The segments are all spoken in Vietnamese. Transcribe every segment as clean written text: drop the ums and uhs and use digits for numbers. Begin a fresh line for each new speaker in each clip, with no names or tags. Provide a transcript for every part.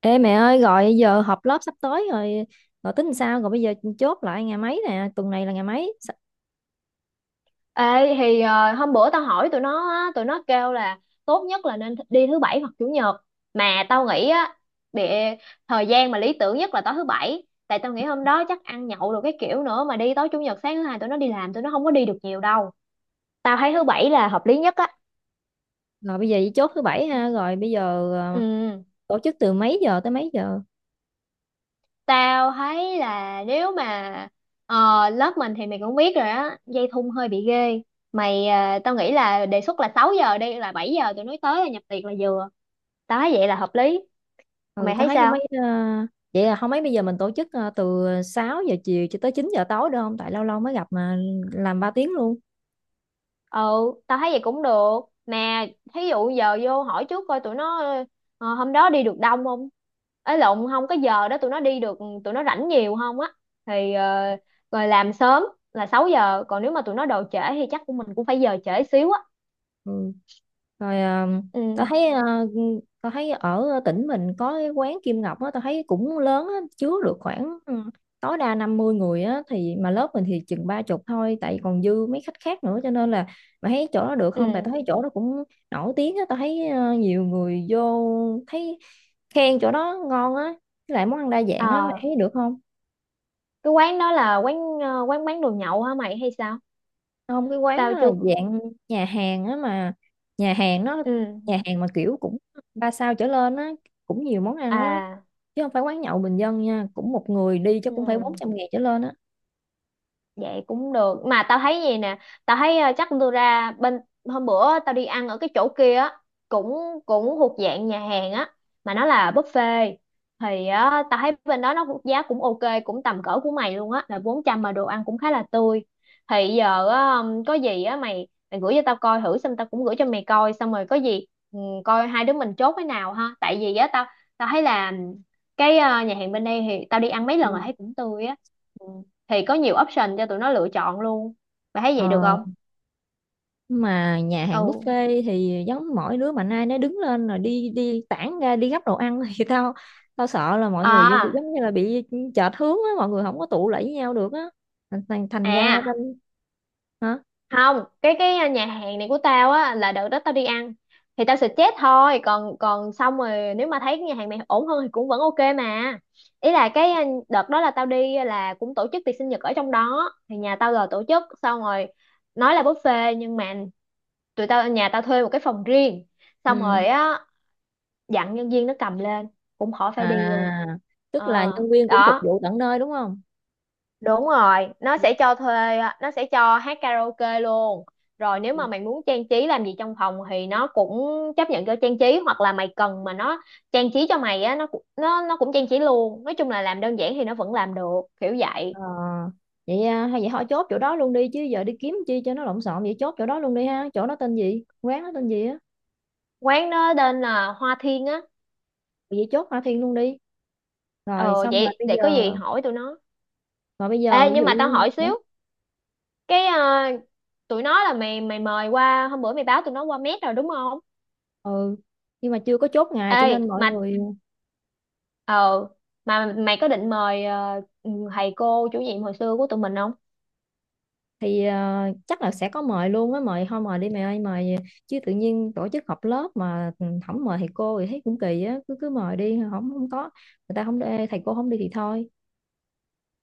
Ê mẹ ơi, gọi giờ họp lớp sắp tới rồi. Rồi tính sao? Rồi bây giờ chốt lại ngày mấy nè, tuần này là ngày mấy
Ê, hôm bữa tao hỏi tụi nó á, tụi nó kêu là tốt nhất là nên đi thứ Bảy hoặc Chủ nhật. Mà tao nghĩ á, bị thời gian mà lý tưởng nhất là tối thứ Bảy, tại tao nghĩ hôm đó chắc ăn nhậu được cái kiểu nữa, mà đi tối Chủ nhật sáng thứ Hai tụi nó đi làm tụi nó không có đi được nhiều đâu. Tao thấy thứ Bảy là hợp lý nhất á.
rồi bây giờ chỉ chốt thứ bảy ha? Rồi bây giờ,
Ừ,
ờ, tổ chức từ mấy giờ tới mấy giờ?
tao thấy là nếu mà lớp mình thì mày cũng biết rồi á, dây thun hơi bị ghê. Tao nghĩ là đề xuất là 6 giờ đi, là 7 giờ tụi nó tới là nhập tiệc là vừa. Tao thấy vậy là hợp lý.
Ừ,
Mày
tao
thấy
thấy không
sao?
mấy. Ờ, Vậy là không mấy, bây giờ mình tổ chức từ 6 giờ chiều cho tới 9 giờ tối được không? Tại lâu lâu mới gặp mà, làm 3 tiếng luôn.
Ừ, tao thấy vậy cũng được. Mà thí dụ giờ vô hỏi trước coi tụi nó hôm đó đi được đông không, ấy lộn, không có giờ đó tụi nó đi được, tụi nó rảnh nhiều không á. thì ờ, rồi làm sớm là 6 giờ, còn nếu mà tụi nó đồ trễ thì chắc của mình cũng phải giờ trễ xíu á.
Ừ. Rồi, tao
Ừ.
thấy. Tao thấy ở tỉnh mình có cái quán Kim Ngọc á, tao thấy cũng lớn á, chứa được khoảng tối đa 50 người á. Thì mà lớp mình thì chừng 30 thôi, tại còn dư mấy khách khác nữa, cho nên là mà thấy chỗ đó được
Ừ.
không? Tại tao thấy chỗ đó cũng nổi tiếng á, tao thấy nhiều người vô thấy khen chỗ đó ngon á, với lại món ăn đa dạng á, mày
Ờ,
thấy được không?
cái quán đó là quán quán bán đồ nhậu hả mày hay sao?
Không, cái quán
Tao
nó là
chưa.
dạng nhà hàng á, mà nhà hàng nó,
Ừ.
nhà hàng mà kiểu cũng ba sao trở lên á, cũng nhiều món ăn á,
À.
chứ không phải quán nhậu bình dân nha. Cũng một người đi chắc
Ừ.
cũng phải 400.000 trở lên á.
Vậy cũng được. Mà tao thấy gì nè. Tao thấy chắc tôi ra bên. Hôm bữa tao đi ăn ở cái chỗ kia á. Cũng cũng thuộc dạng nhà hàng á. Mà nó là buffet. Thì á, tao thấy bên đó nó giá cũng ok. Cũng tầm cỡ của mày luôn á. Là 400 mà đồ ăn cũng khá là tươi. Thì giờ á, có gì á mày, mày gửi cho tao coi thử. Xong tao cũng gửi cho mày coi. Xong rồi có gì ừ, coi hai đứa mình chốt cái nào ha. Tại vì á tao tao thấy là cái nhà hàng bên đây thì tao đi ăn mấy lần rồi
Ừ.
thấy cũng tươi á. Ừ, thì có nhiều option cho tụi nó lựa chọn luôn. Bà thấy vậy được
ờ,
không?
mà nhà
Ừ.
hàng buffet thì giống mỗi đứa mà nay nó đứng lên rồi đi đi tản ra đi gắp đồ ăn thì tao tao sợ là mọi người
À.
giống như là bị chệch hướng á, mọi người không có tụ lại với nhau được á, thành thành thành ra tao.
À,
Hả?
không, cái nhà hàng này của tao á, là đợt đó tao đi ăn thì tao suggest thôi, còn còn xong rồi nếu mà thấy cái nhà hàng này ổn hơn thì cũng vẫn ok mà. Ý là cái đợt đó là tao đi là cũng tổ chức tiệc sinh nhật ở trong đó, thì nhà tao là tổ chức xong rồi, nói là buffet nhưng mà tụi tao nhà tao thuê một cái phòng riêng, xong
Ừ,
rồi á dặn nhân viên nó cầm lên, cũng khỏi phải
à
đi luôn. ờ
tức là nhân viên cũng phục
Đó,
vụ tận nơi đúng không?
đúng rồi, nó sẽ cho thuê, nó sẽ cho hát karaoke luôn. Rồi nếu mà mày muốn trang trí làm gì trong phòng thì nó cũng chấp nhận cho trang trí, hoặc là mày cần mà nó trang trí cho mày á, nó cũng trang trí luôn. Nói chung là làm đơn giản thì nó vẫn làm được kiểu vậy.
Ờ, vậy à, hay vậy họ chốt chỗ đó luôn đi, chứ giờ đi kiếm chi cho nó lộn xộn, vậy chốt chỗ đó luôn đi ha. Chỗ đó tên gì, quán đó tên gì á?
Quán nó tên là Hoa Thiên á.
Vậy chốt Hoa Thiên luôn đi. Rồi
Ờ,
xong rồi
vậy
bây
để
giờ,
có gì hỏi tụi nó.
rồi bây giờ
Ê, nhưng mà tao hỏi xíu cái tụi nó là mày mày mời qua, hôm bữa mày báo tụi nó qua mét rồi đúng không?
Ừ, nhưng mà chưa có chốt ngày cho
Ê,
nên mọi
mà
người...
ờ mà mày có định mời thầy cô chủ nhiệm hồi xưa của tụi mình không?
Thì chắc là sẽ có mời luôn á, mời thôi, mời đi mày ơi, mời. Chứ tự nhiên tổ chức họp lớp mà không mời thầy cô thì thấy cũng kỳ á, cứ cứ mời đi. Không không có, người ta không... Thầy cô không đi thì thôi.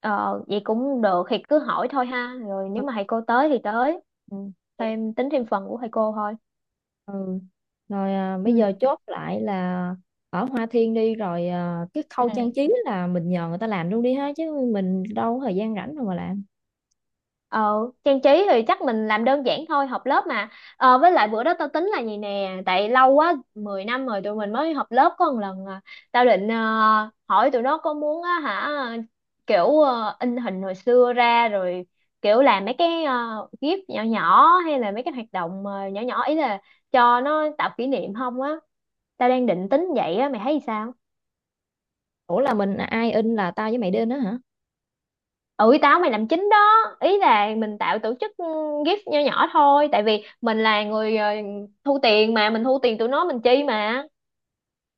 Ờ, vậy cũng được, thì cứ hỏi thôi ha. Rồi nếu
Ừ.
mà thầy cô tới thì tới. Ừ. Thêm tính thêm phần của thầy cô thôi.
Ừ. Rồi,
Ừ.
bây giờ chốt lại là ở Hoa Thiên đi. Rồi cái khâu trang trí là mình nhờ người ta làm luôn đi ha, chứ mình đâu có thời gian rảnh đâu mà làm.
Ờ, trang trí thì chắc mình làm đơn giản thôi, họp lớp mà. Ờ, với lại bữa đó tao tính là gì nè, tại lâu quá 10 năm rồi tụi mình mới họp lớp có một lần à. Tao định hỏi tụi nó có muốn á hả, kiểu in hình hồi xưa ra, rồi kiểu làm mấy cái gif nhỏ nhỏ, hay là mấy cái hoạt động nhỏ nhỏ, ý là cho nó tạo kỷ niệm không á. Tao đang định tính vậy á, mày thấy sao?
Ủa, là mình ai in, là tao với mày đi in đó hả?
Ừ, mày làm chính đó. Ý là mình tạo tổ chức gift nho nhỏ thôi, tại vì mình là người thu tiền, mà mình thu tiền tụi nó mình chi, mà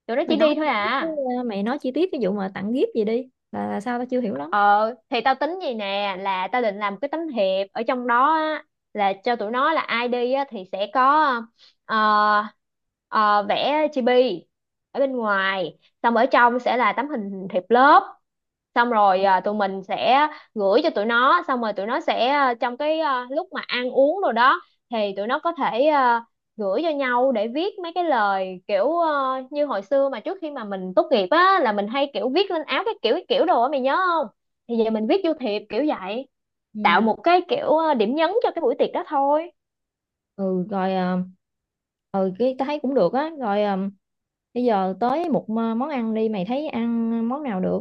tụi nó
Mày
chỉ đi
nói
thôi
chi tiết cái
à.
mày nói chi tiết cái vụ mà tặng gift gì đi, là sao tao chưa hiểu lắm.
Ờ, thì tao tính gì nè, là tao định làm cái tấm thiệp ở trong đó á, là cho tụi nó là ai đi á, thì sẽ có ờ, ờ, vẽ chibi ở bên ngoài, xong ở trong sẽ là tấm hình thiệp lớp, xong rồi à, tụi mình sẽ gửi cho tụi nó, xong rồi tụi nó sẽ trong cái lúc mà ăn uống rồi đó thì tụi nó có thể gửi cho nhau để viết mấy cái lời kiểu như hồi xưa mà trước khi mà mình tốt nghiệp á, là mình hay kiểu viết lên áo cái kiểu đồ á mày nhớ. Thì giờ mình viết vô thiệp kiểu vậy, tạo
Ừ.
một cái kiểu điểm nhấn cho cái buổi tiệc đó thôi.
Ừ rồi, ừ, cái tao thấy cũng được á. Rồi bây giờ tới một món ăn đi, mày thấy ăn món nào được?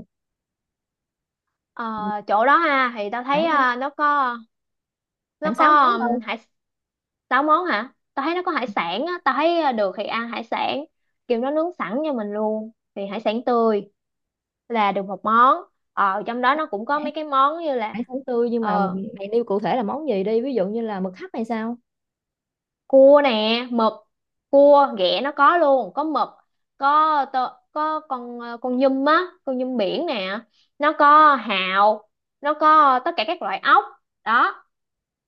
Ờ, chỗ đó ha thì tao thấy
Khoảng à,
nó
khoảng 6
có
món
hải sáu món hả, tao thấy nó có hải sản á, tao thấy được thì ăn hải sản, kiểu nó nướng sẵn cho mình luôn, thì hải sản tươi là được một món. Trong đó
thôi.
nó cũng có mấy cái món như là
Hải sản tươi, nhưng mà
ờ
mày nêu cụ thể là món gì đi, ví dụ như là mực hấp hay sao?
cua nè, mực, cua ghẹ nó có luôn, có mực, có tơ, có con con nhum á, con nhum biển nè, nó có hàu, nó có tất cả các loại ốc đó,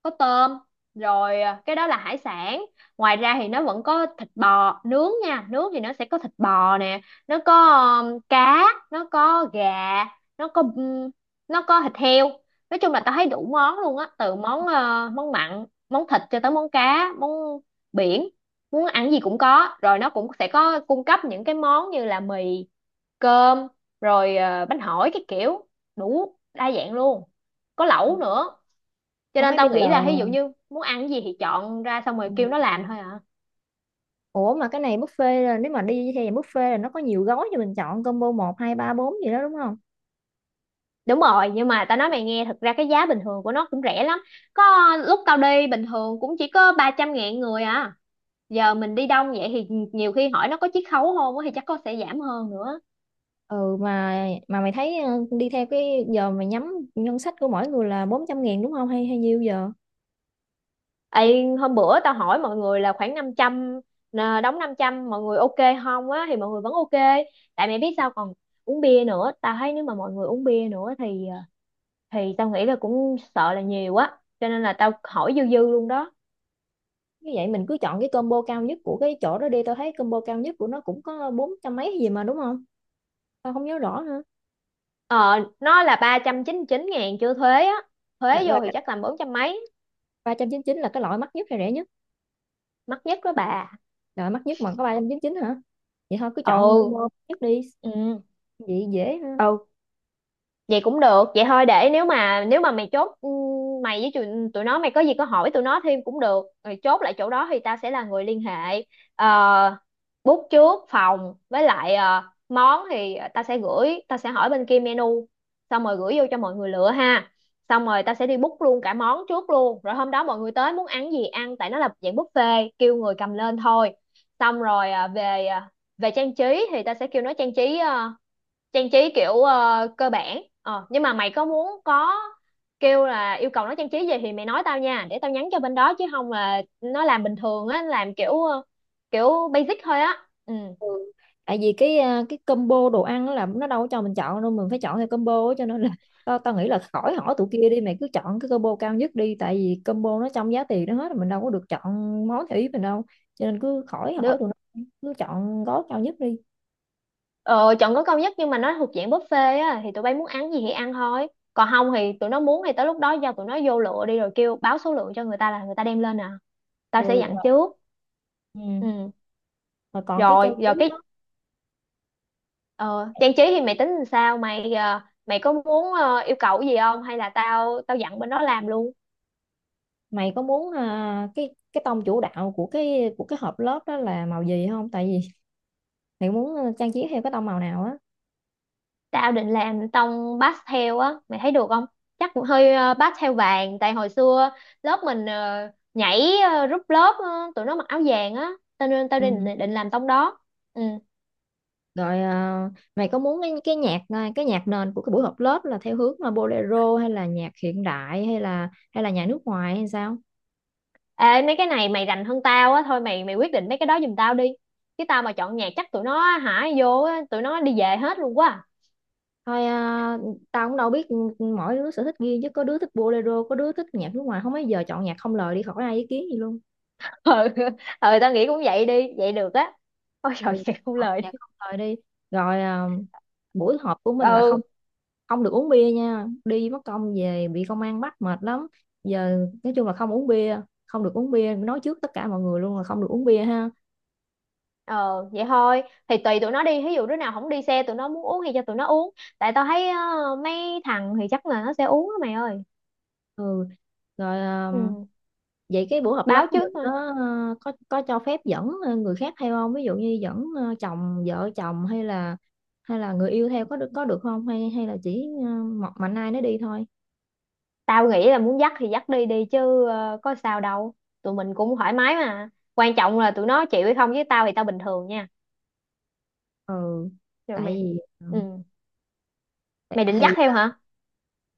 có tôm, rồi à, cái đó là hải sản. Ngoài ra thì nó vẫn có thịt bò nướng nha, nướng thì nó sẽ có thịt bò nè, nó có cá, nó có gà, nó có um, nó có thịt heo. Nói chung là tao thấy đủ món luôn á, từ món món mặn, món thịt, cho tới món cá, món biển, muốn ăn gì cũng có. Rồi nó cũng sẽ có cung cấp những cái món như là mì, cơm, rồi bánh hỏi cái kiểu, đủ đa dạng luôn, có lẩu nữa. Cho
Không
nên
mấy bây
tao
giờ,
nghĩ là ví dụ như muốn ăn cái gì thì chọn ra, xong
ừ.
rồi kêu nó làm thôi à.
Ủa mà cái này buffet, là nếu mà đi theo dạng buffet là nó có nhiều gói cho mình chọn combo một hai ba bốn gì đó đúng không?
Đúng rồi, nhưng mà tao nói mày nghe, thật ra cái giá bình thường của nó cũng rẻ lắm, có lúc tao đi bình thường cũng chỉ có 300 ngàn người à. Giờ mình đi đông vậy thì nhiều khi hỏi nó có chiết khấu không á, thì chắc có, sẽ giảm hơn nữa.
Ừ, mà mày thấy đi theo cái giờ mày nhắm ngân sách của mỗi người là 400.000 đúng không, hay hay nhiêu giờ?
Ê, hôm bữa tao hỏi mọi người là khoảng 500 nè, đóng 500 mọi người ok không á, thì mọi người vẫn ok. Tại mẹ biết sao, còn uống bia nữa, tao thấy nếu mà mọi người uống bia nữa thì thì tao nghĩ là cũng sợ là nhiều quá, cho nên là tao hỏi dư dư luôn đó.
Như vậy mình cứ chọn cái combo cao nhất của cái chỗ đó đi. Tao thấy combo cao nhất của nó cũng có bốn trăm mấy gì mà đúng không? Tao không nhớ rõ nữa.
Ờ, nó là 399 ngàn chưa thuế á,
là,
thuế vô thì
là
chắc là bốn trăm mấy.
399 là cái loại mắc nhất hay rẻ nhất?
Mắc nhất đó bà.
Rồi mắc nhất mà có 399 hả? Vậy thôi cứ chọn
Ừ.
combo mắc nhất đi,
Ừ.
vậy dễ ha.
Ừ, vậy cũng được, vậy thôi để nếu mà mày chốt mày với tụi nó, mày có gì có hỏi tụi nó thêm cũng được, rồi chốt lại chỗ đó thì tao sẽ là người liên hệ. Ờ, book trước phòng, với lại món thì tao sẽ gửi, tao sẽ hỏi bên kia menu, xong rồi gửi vô cho mọi người lựa ha. Xong rồi tao sẽ đi book luôn cả món trước luôn, rồi hôm đó mọi người tới muốn ăn gì ăn, tại nó là dạng buffet, kêu người cầm lên thôi. Xong rồi về trang trí thì ta sẽ kêu nó trang trí trang trí kiểu cơ bản. Ờ, nhưng mà mày có muốn có kêu là yêu cầu nó trang trí gì thì mày nói tao nha, để tao nhắn cho bên đó, chứ không là nó làm bình thường á, làm kiểu kiểu basic thôi á. Ừ.
Ừ. Tại vì cái combo đồ ăn á là nó đâu có cho mình chọn đâu, mình phải chọn theo combo á, cho nên là tao, tao nghĩ là khỏi hỏi tụi kia đi, mày cứ chọn cái combo cao nhất đi, tại vì combo nó trong giá tiền nó hết rồi, mình đâu có được chọn món theo ý mình đâu. Cho nên cứ khỏi hỏi
Được.
tụi nó, cứ chọn gói cao nhất đi.
Ờ, chọn có cao nhất, nhưng mà nó thuộc dạng buffet á, thì tụi bay muốn ăn gì thì ăn thôi, còn không thì tụi nó muốn thì tới lúc đó cho tụi nó vô lựa đi, rồi kêu báo số lượng cho người ta là người ta đem lên à.
Ừ.
Tao sẽ dặn
Rồi,
trước.
ừ.
Ừ.
Rồi còn cái trang
Rồi,
trí
rồi cái
đó,
ờ, trang trí thì mày tính làm sao, mày có muốn yêu cầu gì không, hay là tao tao dặn bên đó làm luôn?
mày có muốn cái tông chủ đạo của cái hộp lớp đó là màu gì không? Tại vì mày muốn trang trí theo cái tông màu nào á.
Tao định làm tông pastel á, mày thấy được không? Chắc cũng hơi pastel vàng, tại hồi xưa lớp mình rút lớp tụi nó mặc áo vàng á, cho nên tao định
Ừ.
định làm tông đó. Ừ.
Rồi mày có muốn cái nhạc, cái nhạc nền của cái buổi họp lớp là theo hướng là bolero, hay là nhạc hiện đại, hay là nhạc nước ngoài hay sao?
Ê, mấy cái này mày rành hơn tao á, thôi mày mày quyết định mấy cái đó giùm tao đi, chứ tao mà chọn nhạc chắc tụi nó hả vô á, tụi nó đi về hết luôn quá à.
Thôi, tao cũng đâu biết. Ừ, Mỗi đứa sở thích riêng, chứ có đứa thích bolero, có đứa thích nhạc nước ngoài. Không mấy giờ chọn nhạc không lời đi, khỏi ai ý kiến gì luôn.
ờ ờ, tao nghĩ cũng vậy đi, vậy được á. Ôi trời
Rồi
vậy không
chọn
lời đi.
nhạc không lời đi. Rồi buổi họp của mình là không,
Ừ.
không được uống bia nha, đi mất công về bị công an bắt mệt lắm. Giờ nói chung là không uống bia, không được uống bia, nói trước tất cả mọi người luôn là không được uống bia ha.
Ờ, vậy thôi thì tùy tụi nó đi, ví dụ đứa nào không đi xe tụi nó muốn uống thì cho tụi nó uống, tại tao thấy mấy thằng thì chắc là nó sẽ uống á mày ơi.
Ừ. Rồi
Ừ.
vậy cái buổi họp lớp
Báo
của
trước
mình có
thôi.
ờ, có có cho phép dẫn người khác theo không, ví dụ như dẫn chồng, vợ chồng, hay là người yêu theo có được không, hay hay là chỉ một mạnh ai nó đi thôi?
Tao nghĩ là muốn dắt thì dắt đi đi, chứ có sao đâu, tụi mình cũng thoải mái mà. Quan trọng là tụi nó chịu hay không, với tao thì tao bình thường nha.
Ừ,
Rồi
tại
mày.
vì
Ừ, mày định dắt
thì
theo hả?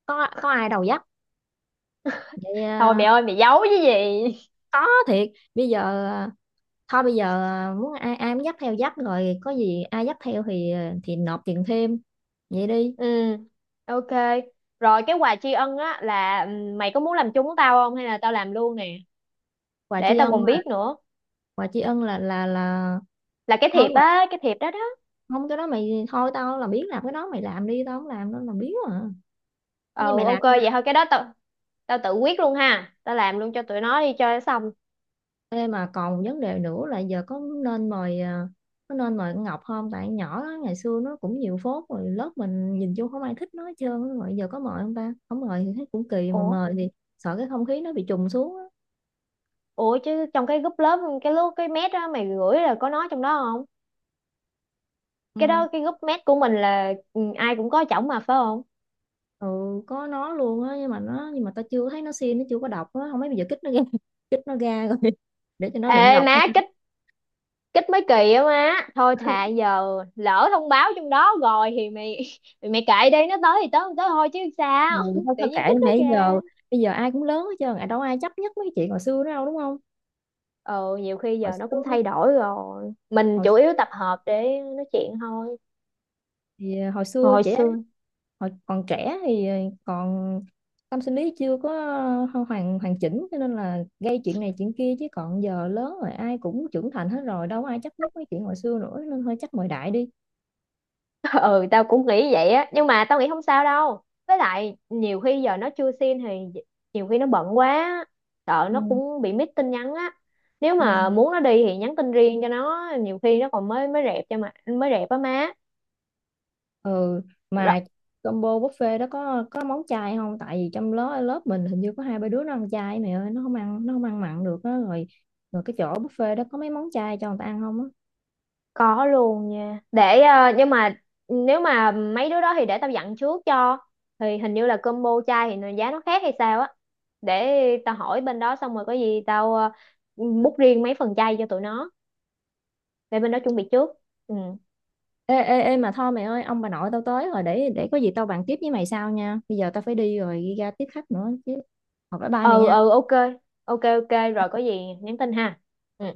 có ai đầu dắt. Vậy
Thôi mày ơi, mày giấu chứ gì.
có thiệt bây giờ. ờ, Thôi bây giờ, muốn ai, ai muốn dắt theo dắt, rồi có gì ai dắt theo thì thì nộp tiền thêm, vậy đi.
Ừ, ok. Rồi cái quà tri ân á, là mày có muốn làm chung với tao không, hay là tao làm luôn nè,
quà
để
tri
tao
ân
còn
là-
biết nữa.
quà tri ân là
Là cái
thôi
thiệp
mày,
á, cái thiệp đó đó.
không cái đó mày, thôi tao là biết làm cái đó, mày làm đi, tao không làm đâu, là biết à, như
Ừ,
mày
ok
làm nha.
vậy thôi, cái đó tao tao tự quyết luôn ha. Tao làm luôn cho tụi nó đi cho xong.
Ê, mà còn một vấn đề nữa là giờ có nên mời con Ngọc không? Tại con nhỏ đó, ngày xưa nó cũng nhiều phốt rồi, lớp mình nhìn chung không ai thích nó hết trơn á. Rồi giờ có mời không ta, không mời thì thấy cũng kỳ, mà
Ủa,
mời thì sợ cái không khí nó bị trùng xuống á.
ủa chứ trong cái group lớp cái lúc cái mét á mày gửi là có nói trong đó không? Cái
Ừ.
đó cái group mét của mình là ừ, ai cũng có chổng mà phải không?
Ừ, có nó luôn á, nhưng mà tao chưa thấy nó xin, nó chưa có đọc á. Không mấy bây giờ kích nó ra kích nó ra rồi để cho nó
Ê
đừng đọc
má,
hay sao?
kích kích mấy kỳ á má, thôi thà giờ lỡ thông báo trong đó rồi thì mày thì mày kệ đi, nó tới thì tới không tới thôi chứ
Ừ,
sao
thôi,
tự
thôi kệ
nhiên
đi
kích nó
mẹ. Bây giờ,
kìa.
ai cũng lớn hết trơn à, đâu ai chấp nhất mấy cái chuyện hồi xưa nữa đâu đúng không?
Ừ, nhiều khi
hồi
giờ nó cũng
xưa
thay đổi rồi, mình
hồi
chủ
xưa
yếu tập hợp để nói chuyện thôi.
thì
Hồi xưa.
hồi còn trẻ thì còn tâm sinh lý chưa có hoàn hoàn chỉnh, cho nên là gây chuyện này chuyện kia. Chứ còn giờ lớn rồi, ai cũng trưởng thành hết rồi, đâu có ai chấp nhất mấy chuyện hồi xưa nữa nên hơi chắc mời đại đi.
Ừ, tao cũng nghĩ vậy á, nhưng mà tao nghĩ không sao đâu, với lại nhiều khi giờ nó chưa xin thì nhiều khi nó bận quá, sợ
Ừ.
nó cũng bị miss tin nhắn á. Nếu
Ừ.
mà muốn nó đi thì nhắn tin riêng cho nó, nhiều khi nó còn mới mới rẹp cho, mà mới rẹp á má.
Ừ, mà combo buffet đó có món chay không? Tại vì trong lớp, lớp mình hình như có hai ba đứa nó ăn chay, mẹ ơi, nó không ăn, nó không ăn mặn được á. Rồi, rồi cái chỗ buffet đó có mấy món chay cho người ta ăn không á?
Có luôn nha. Để ờ, nhưng mà nếu mà mấy đứa đó thì để tao dặn trước cho. Thì hình như là combo chai thì giá nó khác hay sao á. Để tao hỏi bên đó, xong rồi có gì tao book riêng mấy phần chai cho tụi nó để bên đó chuẩn bị trước. Ừ.
Ê ê ê, mà thôi mẹ ơi, ông bà nội tao tới rồi, để có gì tao bàn tiếp với mày sau nha. Bây giờ tao phải đi rồi, đi ra tiếp khách nữa chứ. Học bye bye mày
Ừ
nha.
ừ ok. Ok, rồi có gì nhắn tin ha. Ừ.
Ừ.